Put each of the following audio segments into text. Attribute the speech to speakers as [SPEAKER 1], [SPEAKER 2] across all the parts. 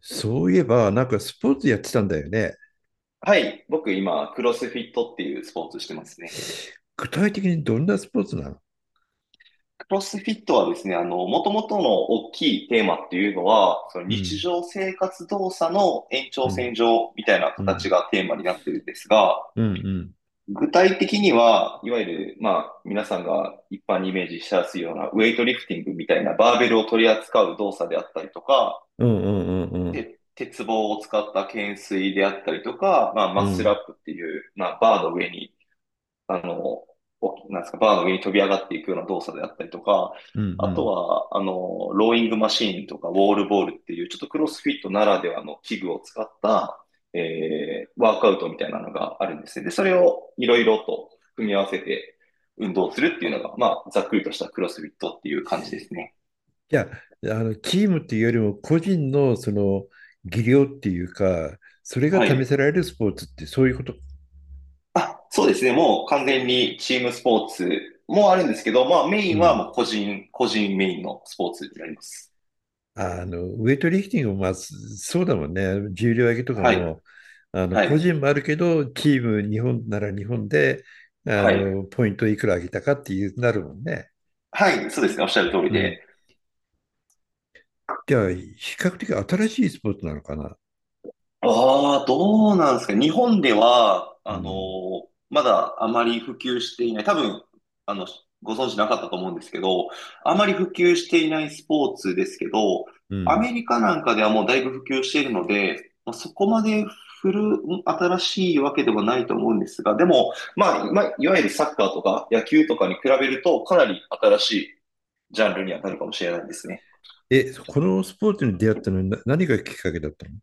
[SPEAKER 1] そういえば、なんかスポーツやってたんだよね。
[SPEAKER 2] はい。僕今、クロスフィットっていうスポーツしてますね。
[SPEAKER 1] 具体的にどんなスポーツなの？
[SPEAKER 2] クロスフィットはですね、もともとの大きいテーマっていうのは、その
[SPEAKER 1] う
[SPEAKER 2] 日
[SPEAKER 1] ん、
[SPEAKER 2] 常生活動作の延長
[SPEAKER 1] うん、
[SPEAKER 2] 線上みたいな
[SPEAKER 1] う
[SPEAKER 2] 形
[SPEAKER 1] ん、
[SPEAKER 2] がテーマになってるんですが、
[SPEAKER 1] うん、うん、
[SPEAKER 2] 具体的には、いわゆる、まあ、皆さんが一般にイメージしやすいようなウェイトリフティングみたいなバーベルを取り扱う動作であったりとか、
[SPEAKER 1] うん、うん、うん、
[SPEAKER 2] 鉄棒を使った懸垂であったりとか、まあ、
[SPEAKER 1] う
[SPEAKER 2] マッスルア
[SPEAKER 1] ん、
[SPEAKER 2] ップっていう、まあ、バーの上にあの、おなんですか、バーの上に飛び上がっていくような動作であったりとか、
[SPEAKER 1] うん、
[SPEAKER 2] あ
[SPEAKER 1] う
[SPEAKER 2] と
[SPEAKER 1] ん。
[SPEAKER 2] は、ローイングマシーンとか、ウォールボールっていう、ちょっとクロスフィットならではの器具を使った、ワークアウトみたいなのがあるんですね。で、それをいろいろと組み合わせて運動するっていうのが、まあ、ざっくりとしたクロスフィットっていう感じですね。
[SPEAKER 1] いや、チームっていうよりも個人のその技量っていうか、それが
[SPEAKER 2] は
[SPEAKER 1] 試
[SPEAKER 2] い。
[SPEAKER 1] せられるスポーツってそういうこと。
[SPEAKER 2] あ、そうですね。もう完全にチームスポーツもあるんですけど、まあ、メイ
[SPEAKER 1] う
[SPEAKER 2] ンは
[SPEAKER 1] ん。
[SPEAKER 2] もう個人メインのスポーツになります。
[SPEAKER 1] ウェイトリフティングもまあ、そうだもんね。重量挙げとか
[SPEAKER 2] はい。
[SPEAKER 1] も、
[SPEAKER 2] は
[SPEAKER 1] 個
[SPEAKER 2] い。
[SPEAKER 1] 人もあるけど、チーム、日本なら日本で、
[SPEAKER 2] はい。
[SPEAKER 1] ポイントいくら上げたかっていうなるもんね。
[SPEAKER 2] はい、そうですね。おっしゃる通り
[SPEAKER 1] うん。
[SPEAKER 2] で。
[SPEAKER 1] じゃあ、比較的新しいスポーツなのかな。
[SPEAKER 2] ああ、どうなんですか。日本では、
[SPEAKER 1] うん。
[SPEAKER 2] まだあまり普及していない。多分、あの、ご存知なかったと思うんですけど、あまり普及していないスポーツですけど、
[SPEAKER 1] う
[SPEAKER 2] ア
[SPEAKER 1] ん。
[SPEAKER 2] メリカなんかではもうだいぶ普及しているので、まあ、そこまで新しいわけではないと思うんですが、でも、まあ、いわゆるサッカーとか野球とかに比べると、かなり新しいジャンルにはなるかもしれないですね。
[SPEAKER 1] え、このスポーツに出会ったのにな何がきっかけだったの？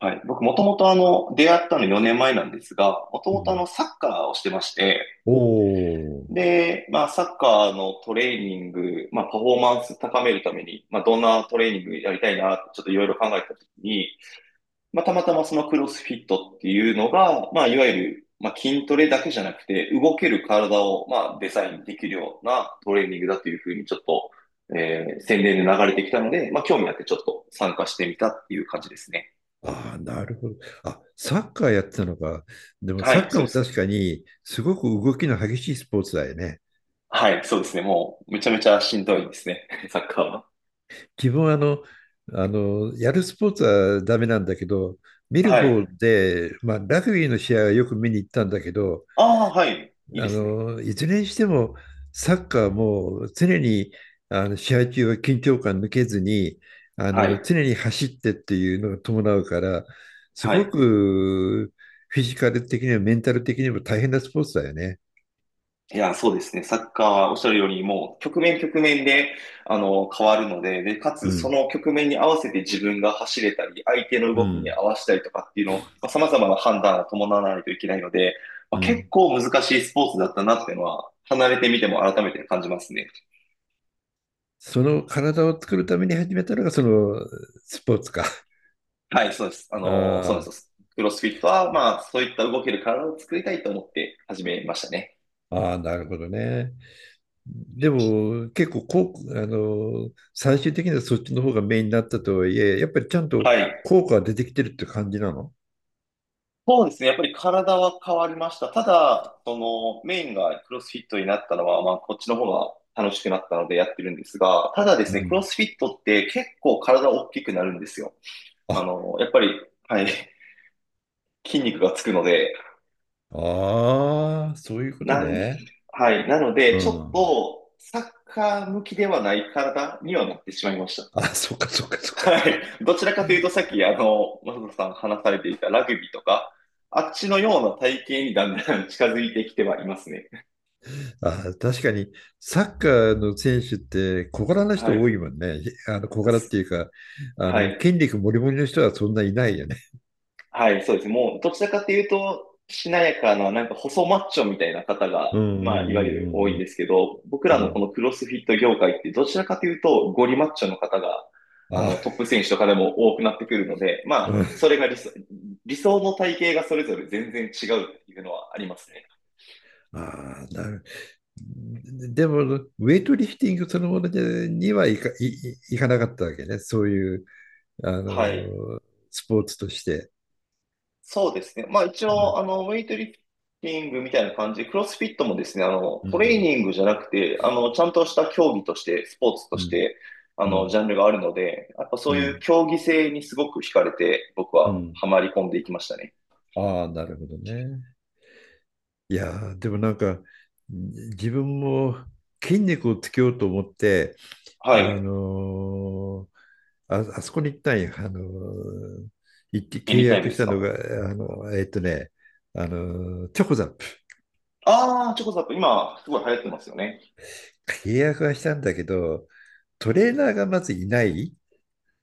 [SPEAKER 2] はい。僕、もともと出会ったの4年前なんですが、もと
[SPEAKER 1] う
[SPEAKER 2] もと
[SPEAKER 1] ん。
[SPEAKER 2] サッカーをしてまして、
[SPEAKER 1] おお。
[SPEAKER 2] で、まあ、サッカーのトレーニング、まあ、パフォーマンス高めるために、まあ、どんなトレーニングやりたいな、ちょっといろいろ考えたときに、まあ、たまたまそのクロスフィットっていうのが、まあ、いわゆる、まあ、筋トレだけじゃなくて、動ける体を、まあ、デザインできるようなトレーニングだというふうに、ちょっと、宣伝で流れてきたので、まあ、興味あってちょっと参加してみたっていう感じですね。
[SPEAKER 1] ああ、なるほど。あ、サッカーやってたのか。でも
[SPEAKER 2] は
[SPEAKER 1] サッ
[SPEAKER 2] い、
[SPEAKER 1] カー
[SPEAKER 2] そう
[SPEAKER 1] も
[SPEAKER 2] です
[SPEAKER 1] 確
[SPEAKER 2] ね。
[SPEAKER 1] かにすごく動きの激しいスポーツだよね。
[SPEAKER 2] はい、そうですね。もう、めちゃめちゃしんどいですね。サッカーは。
[SPEAKER 1] 自分はやるスポーツはダメなんだけど、見る
[SPEAKER 2] は
[SPEAKER 1] 方
[SPEAKER 2] い。
[SPEAKER 1] で、まあ、ラグビーの試合はよく見に行ったんだけど、
[SPEAKER 2] ああ、はい。いいですね。
[SPEAKER 1] いずれにしても、サッカーはもう常にあの試合中は緊張感抜けずに、
[SPEAKER 2] はい。
[SPEAKER 1] 常に走ってっていうのが伴うから、す
[SPEAKER 2] は
[SPEAKER 1] ご
[SPEAKER 2] い。
[SPEAKER 1] くフィジカル的にもメンタル的にも大変なスポーツだよね。
[SPEAKER 2] いや、そうですね。サッカーはおっしゃるように、もう、局面局面で、変わるので、で、か
[SPEAKER 1] う
[SPEAKER 2] つ、そ
[SPEAKER 1] ん、
[SPEAKER 2] の局面に合わせて自分が走れたり、相手の
[SPEAKER 1] う
[SPEAKER 2] 動きに
[SPEAKER 1] ん、
[SPEAKER 2] 合わせたりとかっていうのを、まあ、様々な判断を伴わないといけないので、まあ、
[SPEAKER 1] う
[SPEAKER 2] 結
[SPEAKER 1] ん。
[SPEAKER 2] 構難しいスポーツだったなっていうのは、離れてみても改めて感じますね。
[SPEAKER 1] その体を作るために始めたのがそのスポーツか。
[SPEAKER 2] はい、そうです。そうなん
[SPEAKER 1] あ
[SPEAKER 2] です。クロスフィットは、まあ、そういった動ける体を作りたいと思って始めましたね。
[SPEAKER 1] あ、ああ、なるほどね。でも結構こう、最終的にはそっちの方がメインになったとはいえ、やっぱりちゃんと
[SPEAKER 2] はい。
[SPEAKER 1] 効果が出てきてるって感じなの？
[SPEAKER 2] そうですね。やっぱり体は変わりました。ただ、その、メインがクロスフィットになったのは、まあ、こっちの方が楽しくなったのでやってるんですが、ただで
[SPEAKER 1] う
[SPEAKER 2] すね、クロ
[SPEAKER 1] ん。
[SPEAKER 2] スフィットって結構体大きくなるんですよ。
[SPEAKER 1] あ、
[SPEAKER 2] やっぱり、はい、筋肉がつくので、
[SPEAKER 1] ああ、そういうこと
[SPEAKER 2] なん、
[SPEAKER 1] ね。
[SPEAKER 2] はい。なの
[SPEAKER 1] う
[SPEAKER 2] で、ちょっ
[SPEAKER 1] ん。
[SPEAKER 2] と、サッカー向きではない体にはなってしまいました。
[SPEAKER 1] あ、そっかそっかそっか
[SPEAKER 2] は
[SPEAKER 1] そっか。
[SPEAKER 2] い。どちらかというと、さっき、マサトさん話されていたラグビーとか、あっちのような体型にだんだん 近づいてきてはいますね。
[SPEAKER 1] あ、確かにサッカーの選手って小柄な
[SPEAKER 2] は
[SPEAKER 1] 人多
[SPEAKER 2] い。
[SPEAKER 1] いもんね。あの小柄って
[SPEAKER 2] す
[SPEAKER 1] いうか、あ
[SPEAKER 2] は
[SPEAKER 1] の
[SPEAKER 2] い。
[SPEAKER 1] 筋肉もりもりの人はそんないないよね。
[SPEAKER 2] はい、そうです。もう、どちらかというと、しなやかな、なんか細マッチョみたいな方が、
[SPEAKER 1] うん、う
[SPEAKER 2] まあ、い
[SPEAKER 1] ん、
[SPEAKER 2] わゆる多い
[SPEAKER 1] うん、う
[SPEAKER 2] ん
[SPEAKER 1] ん、
[SPEAKER 2] ですけど、僕
[SPEAKER 1] う
[SPEAKER 2] ら
[SPEAKER 1] ん。う
[SPEAKER 2] のこ
[SPEAKER 1] ん、
[SPEAKER 2] のクロスフィット業界って、どちらかというと、ゴリマッチョの方が、トッ
[SPEAKER 1] あ、
[SPEAKER 2] プ選手とかでも多くなってくるので、ま
[SPEAKER 1] う
[SPEAKER 2] あ、
[SPEAKER 1] ん、
[SPEAKER 2] それが理想の体型がそれぞれ全然違うっていうのはありますね。
[SPEAKER 1] あー、なる。でも、ウェイトリフティングそのものにはいいかなかったわけね。そういう、あ
[SPEAKER 2] はい。
[SPEAKER 1] のースポーツとして。
[SPEAKER 2] そうですね。まあ一
[SPEAKER 1] うん、
[SPEAKER 2] 応、ウェイトリフティングみたいな感じで、クロスフィットもですね、
[SPEAKER 1] う
[SPEAKER 2] トレー
[SPEAKER 1] ん、
[SPEAKER 2] ニングじゃなくて、ちゃんとした競技として、スポーツと
[SPEAKER 1] う
[SPEAKER 2] し
[SPEAKER 1] ん、
[SPEAKER 2] て、
[SPEAKER 1] う
[SPEAKER 2] ジャンルがあるので、やっぱそういう
[SPEAKER 1] ん、
[SPEAKER 2] 競技性にすごく惹かれて、僕
[SPEAKER 1] う
[SPEAKER 2] は
[SPEAKER 1] ん。
[SPEAKER 2] ハマり込んでいきましたね。
[SPEAKER 1] ああ、なるほどね。いやーでもなんか、じ自分も筋肉をつけようと思って、
[SPEAKER 2] は
[SPEAKER 1] あ
[SPEAKER 2] い。
[SPEAKER 1] のーあ、あそこに行ったんよ。行って
[SPEAKER 2] エ
[SPEAKER 1] 契
[SPEAKER 2] ニタイム
[SPEAKER 1] 約
[SPEAKER 2] で
[SPEAKER 1] し
[SPEAKER 2] す
[SPEAKER 1] たの
[SPEAKER 2] か？
[SPEAKER 1] が、あの、えっとね、チョコザップ。
[SPEAKER 2] ああー、チョコザップ、今、すごい流行ってますよね。
[SPEAKER 1] 契約はしたんだけど、トレーナーがまずいない。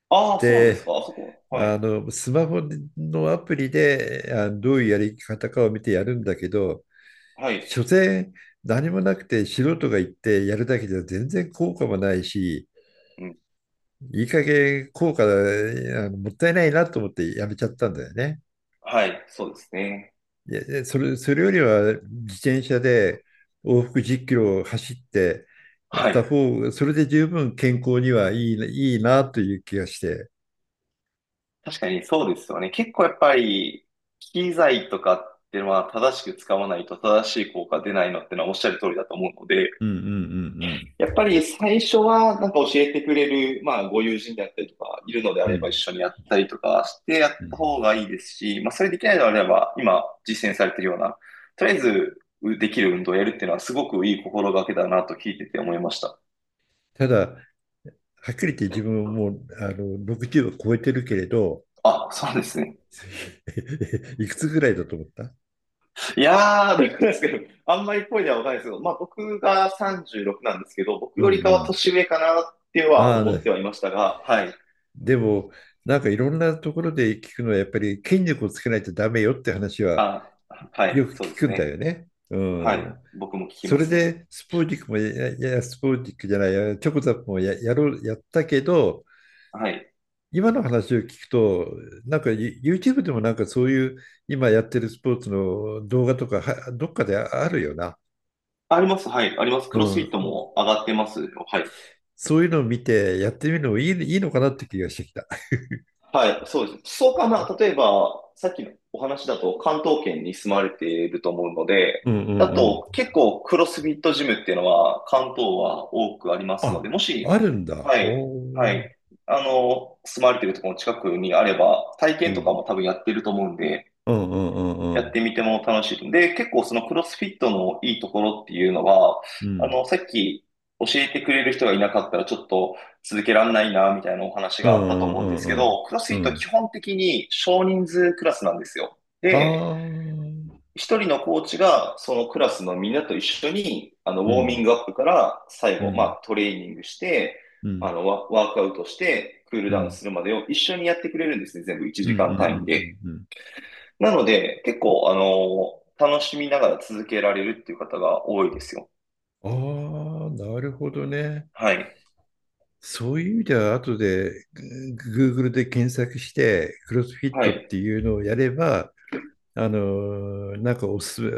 [SPEAKER 2] ああ、そうなんです
[SPEAKER 1] で、
[SPEAKER 2] かあそこ。はい。
[SPEAKER 1] スマホのアプリで、どういうやり方かを見てやるんだけど、
[SPEAKER 2] はい。
[SPEAKER 1] 所詮何もなくて素人が行ってやるだけじゃ全然効果もないし、
[SPEAKER 2] うん。
[SPEAKER 1] いい加減効果、もったいないなと思ってやめちゃったんだよね。
[SPEAKER 2] はい。そうですね。
[SPEAKER 1] いや、いやそれよりは自転車で往復10キロを走って
[SPEAKER 2] は
[SPEAKER 1] た
[SPEAKER 2] い。
[SPEAKER 1] 方が、それで十分健康にはいいな、いいなという気がして。
[SPEAKER 2] 確かにそうですよね。結構やっぱり、機材とかっていうのは正しく使わないと正しい効果出ないのってのはおっしゃる通りだと思うので、
[SPEAKER 1] うん、うん、うん、
[SPEAKER 2] やっぱり最初はなんか教えてくれる、まあご友人であったりとか、いるのであ
[SPEAKER 1] うん。う
[SPEAKER 2] れば一
[SPEAKER 1] ん、
[SPEAKER 2] 緒にやったりとかしてやっ
[SPEAKER 1] うん。
[SPEAKER 2] た方がいいですし、まあそれできないのであれば、今実践されているような、とりあえずできる運動をやるっていうのはすごくいい心がけだなと聞いてて思いました。
[SPEAKER 1] ただ、はっきり言って自分もう60を超えてるけれど、
[SPEAKER 2] あ、そうですね。
[SPEAKER 1] いくつぐらいだと思った？
[SPEAKER 2] いやー、どうなですけど、あんまりっぽいではわかんないですけど、まあ僕が36なんですけど、僕
[SPEAKER 1] うん、
[SPEAKER 2] よ
[SPEAKER 1] う
[SPEAKER 2] りかは
[SPEAKER 1] ん。
[SPEAKER 2] 年上かなっては
[SPEAKER 1] ああ、
[SPEAKER 2] 思ってはいましたが、はい。
[SPEAKER 1] でも、なんかいろんなところで聞くのは、やっぱり筋肉をつけないとダメよって話は
[SPEAKER 2] あ、は
[SPEAKER 1] よ
[SPEAKER 2] い、
[SPEAKER 1] く
[SPEAKER 2] そう
[SPEAKER 1] 聞
[SPEAKER 2] で
[SPEAKER 1] く
[SPEAKER 2] す
[SPEAKER 1] んだよ
[SPEAKER 2] ね。
[SPEAKER 1] ね。う
[SPEAKER 2] はい。
[SPEAKER 1] ん。
[SPEAKER 2] 僕も聞き
[SPEAKER 1] そ
[SPEAKER 2] ま
[SPEAKER 1] れ
[SPEAKER 2] すね。
[SPEAKER 1] でスポーテックもや、いやいや、スポーテックじゃないや、チョコザップもや、やろう、やったけど、
[SPEAKER 2] はい。
[SPEAKER 1] 今の話を聞くと、なんか YouTube でもなんかそういう今やってるスポーツの動画とかはどっかであるよな。
[SPEAKER 2] あります、はい、あります。ク
[SPEAKER 1] う
[SPEAKER 2] ロスフィット
[SPEAKER 1] ん。
[SPEAKER 2] も上がってますよ。はい。
[SPEAKER 1] そういうのを見てやってみるのもいいのかなって気がしてきた。
[SPEAKER 2] はい、そうです。そうかな。例えば、さっきのお話だと関東圏に住まれていると思うの
[SPEAKER 1] う
[SPEAKER 2] で、
[SPEAKER 1] ん、うん、
[SPEAKER 2] だ
[SPEAKER 1] うん。
[SPEAKER 2] と結構クロスフィットジムっていうのは関東は多くありますので、
[SPEAKER 1] あ、
[SPEAKER 2] もし、
[SPEAKER 1] あるんだ。
[SPEAKER 2] はい、
[SPEAKER 1] ほ
[SPEAKER 2] は
[SPEAKER 1] う。
[SPEAKER 2] い、住まれているところの近くにあれば、体
[SPEAKER 1] う
[SPEAKER 2] 験とか
[SPEAKER 1] ん、
[SPEAKER 2] も多分やってると思うんで、
[SPEAKER 1] うん、う
[SPEAKER 2] や
[SPEAKER 1] ん、う
[SPEAKER 2] っ
[SPEAKER 1] ん、
[SPEAKER 2] てみても楽しい。で、結構そのクロスフィットのいいところっていうのは、
[SPEAKER 1] うん、
[SPEAKER 2] さっき教えてくれる人がいなかったらちょっと続けられないな、みたいなお話
[SPEAKER 1] う
[SPEAKER 2] があったと
[SPEAKER 1] ん、
[SPEAKER 2] 思
[SPEAKER 1] う
[SPEAKER 2] うんで
[SPEAKER 1] ん、
[SPEAKER 2] す
[SPEAKER 1] う
[SPEAKER 2] け
[SPEAKER 1] ん、
[SPEAKER 2] ど、クロス
[SPEAKER 1] うん、う
[SPEAKER 2] フィッ
[SPEAKER 1] ん、
[SPEAKER 2] ト
[SPEAKER 1] う
[SPEAKER 2] は基
[SPEAKER 1] ん、
[SPEAKER 2] 本的に少人数クラスなんですよ。
[SPEAKER 1] あ
[SPEAKER 2] で、
[SPEAKER 1] あー、
[SPEAKER 2] 一人のコーチがそのクラスのみんなと一緒に、ウ
[SPEAKER 1] う
[SPEAKER 2] ォーミン
[SPEAKER 1] ん、
[SPEAKER 2] グアップから最
[SPEAKER 1] う
[SPEAKER 2] 後、ま
[SPEAKER 1] ん、
[SPEAKER 2] あトレーニングして、
[SPEAKER 1] うん、
[SPEAKER 2] ワークアウトして、クール
[SPEAKER 1] う
[SPEAKER 2] ダウン
[SPEAKER 1] ん、
[SPEAKER 2] するまでを一緒にやってくれるんですね。全部1
[SPEAKER 1] うん、うん、う
[SPEAKER 2] 時間単位
[SPEAKER 1] ん、
[SPEAKER 2] で。
[SPEAKER 1] うん、
[SPEAKER 2] なので、結構、楽しみながら続けられるっていう方が多いですよ。
[SPEAKER 1] うん。ああ、なるほどね。
[SPEAKER 2] はい。
[SPEAKER 1] そういう意味では、後でGoogle で検索して、クロスフィッ
[SPEAKER 2] は
[SPEAKER 1] トっ
[SPEAKER 2] い。
[SPEAKER 1] ていうのをやれば、あのなんかおすすめ、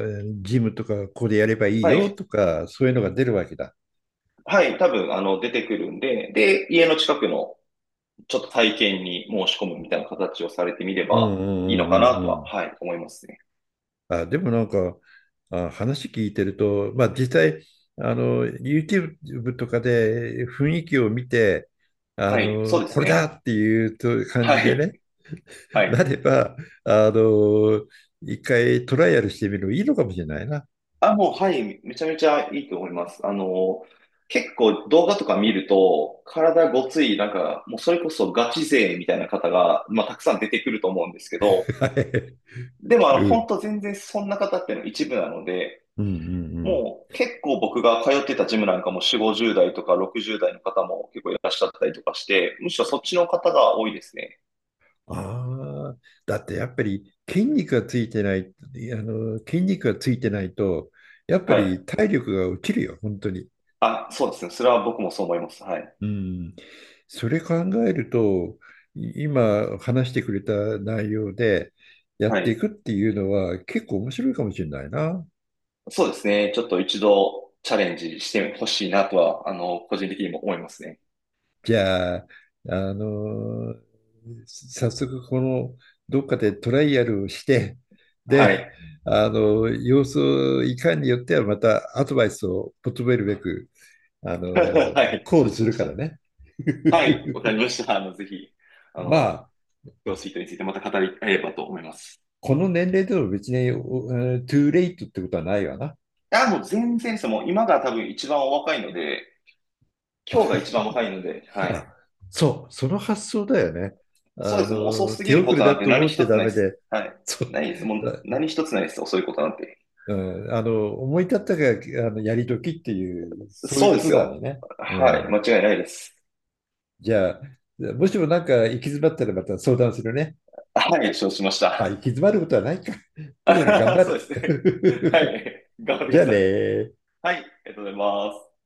[SPEAKER 1] ジムとかここでやればいい
[SPEAKER 2] は
[SPEAKER 1] よ
[SPEAKER 2] い。
[SPEAKER 1] とか、そういうのが出るわけだ。
[SPEAKER 2] はい。多分、出てくるんで、で、家の近くのちょっと体験に申し込むみたいな形をされてみれ
[SPEAKER 1] うん、
[SPEAKER 2] ば
[SPEAKER 1] うん、
[SPEAKER 2] いい
[SPEAKER 1] う
[SPEAKER 2] のか
[SPEAKER 1] ん、
[SPEAKER 2] な
[SPEAKER 1] うん、
[SPEAKER 2] と
[SPEAKER 1] う
[SPEAKER 2] は、
[SPEAKER 1] ん。
[SPEAKER 2] はい、思いますね。
[SPEAKER 1] あ、でもなんか、あ、話聞いてると、まあ実際、YouTube とかで雰囲気を見て、
[SPEAKER 2] はい。そうです
[SPEAKER 1] これだ
[SPEAKER 2] ね。
[SPEAKER 1] っていうと感じ
[SPEAKER 2] は
[SPEAKER 1] でね、
[SPEAKER 2] い。は
[SPEAKER 1] な
[SPEAKER 2] い。
[SPEAKER 1] れば、あの、一回トライアルしてみるのいいのかもしれないな。
[SPEAKER 2] あ、もう、はい。めちゃめちゃいいと思います。結構動画とか見ると、体ごつい、なんか、もうそれこそガチ勢みたいな方が、まあ、たくさん出てくると思うんですけど、
[SPEAKER 1] はい。
[SPEAKER 2] でも、
[SPEAKER 1] うん。
[SPEAKER 2] 本当全然そんな方っていうのは一部なので、
[SPEAKER 1] うん、うん、うん。
[SPEAKER 2] もう結構僕が通ってたジムなんかも4、50代とか60代の方も結構いらっしゃったりとかして、むしろそっちの方が多いですね。
[SPEAKER 1] ああ、だってやっぱり筋肉がついてない、筋肉がついてないと、やっぱ
[SPEAKER 2] はい。
[SPEAKER 1] り体力が落ちるよ、本当に。
[SPEAKER 2] あ、そうですね。それは僕もそう思います。はい。
[SPEAKER 1] うん。それ考えると、今話してくれた内容でや
[SPEAKER 2] は
[SPEAKER 1] ってい
[SPEAKER 2] い。
[SPEAKER 1] くっていうのは結構面白いかもしれないな。
[SPEAKER 2] そうですね。ちょっと一度チャレンジしてほしいなとは、個人的にも思いますね。
[SPEAKER 1] じゃあ、あのー早速このどっかでトライアルをして、
[SPEAKER 2] は
[SPEAKER 1] で、
[SPEAKER 2] い。
[SPEAKER 1] あの様子をいかんによってはまたアドバイスを求めるべく、あの
[SPEAKER 2] はい。
[SPEAKER 1] コー
[SPEAKER 2] 承
[SPEAKER 1] ル
[SPEAKER 2] 知
[SPEAKER 1] す
[SPEAKER 2] しま
[SPEAKER 1] る
[SPEAKER 2] し
[SPEAKER 1] から
[SPEAKER 2] た。
[SPEAKER 1] ね。
[SPEAKER 2] はい。わかりま した。ぜひ、あ
[SPEAKER 1] ま
[SPEAKER 2] の、
[SPEAKER 1] あ、
[SPEAKER 2] 今日スイートについてまた語り合えればと思います。
[SPEAKER 1] この年齢でも別に、トゥーレイトってことはないわな。
[SPEAKER 2] あ、もう全然です。もう今が多分一番お若いので、今日が一番若いので、はい。
[SPEAKER 1] あ、そう、その発想だよね。
[SPEAKER 2] そうです。もう遅すぎ
[SPEAKER 1] 手
[SPEAKER 2] るこ
[SPEAKER 1] 遅れ
[SPEAKER 2] とな
[SPEAKER 1] だ
[SPEAKER 2] んて
[SPEAKER 1] と
[SPEAKER 2] 何
[SPEAKER 1] 思っ
[SPEAKER 2] 一
[SPEAKER 1] て
[SPEAKER 2] つ
[SPEAKER 1] ダ
[SPEAKER 2] ない
[SPEAKER 1] メ
[SPEAKER 2] です。
[SPEAKER 1] で、
[SPEAKER 2] はい。
[SPEAKER 1] そ
[SPEAKER 2] な
[SPEAKER 1] う、
[SPEAKER 2] いです。もう何一つないです。遅いことなんて。
[SPEAKER 1] うん、思い立ったが、やり時っていう、そういう
[SPEAKER 2] そう
[SPEAKER 1] こ
[SPEAKER 2] で
[SPEAKER 1] と
[SPEAKER 2] す
[SPEAKER 1] だよ
[SPEAKER 2] よ。
[SPEAKER 1] ね。う
[SPEAKER 2] はい。
[SPEAKER 1] ん。
[SPEAKER 2] 間違いないです。
[SPEAKER 1] じゃあ、もしもなんか行き詰まったらまた相談するね。
[SPEAKER 2] はい。承知しまし
[SPEAKER 1] まあ、行
[SPEAKER 2] た。
[SPEAKER 1] き詰まることはないか。とにかく頑張
[SPEAKER 2] そうですね。は
[SPEAKER 1] る。
[SPEAKER 2] い。頑 張っ
[SPEAKER 1] じ
[SPEAKER 2] て
[SPEAKER 1] ゃ
[SPEAKER 2] く
[SPEAKER 1] あ
[SPEAKER 2] だ
[SPEAKER 1] ね
[SPEAKER 2] さい。
[SPEAKER 1] ー
[SPEAKER 2] はい。ありがとうございます。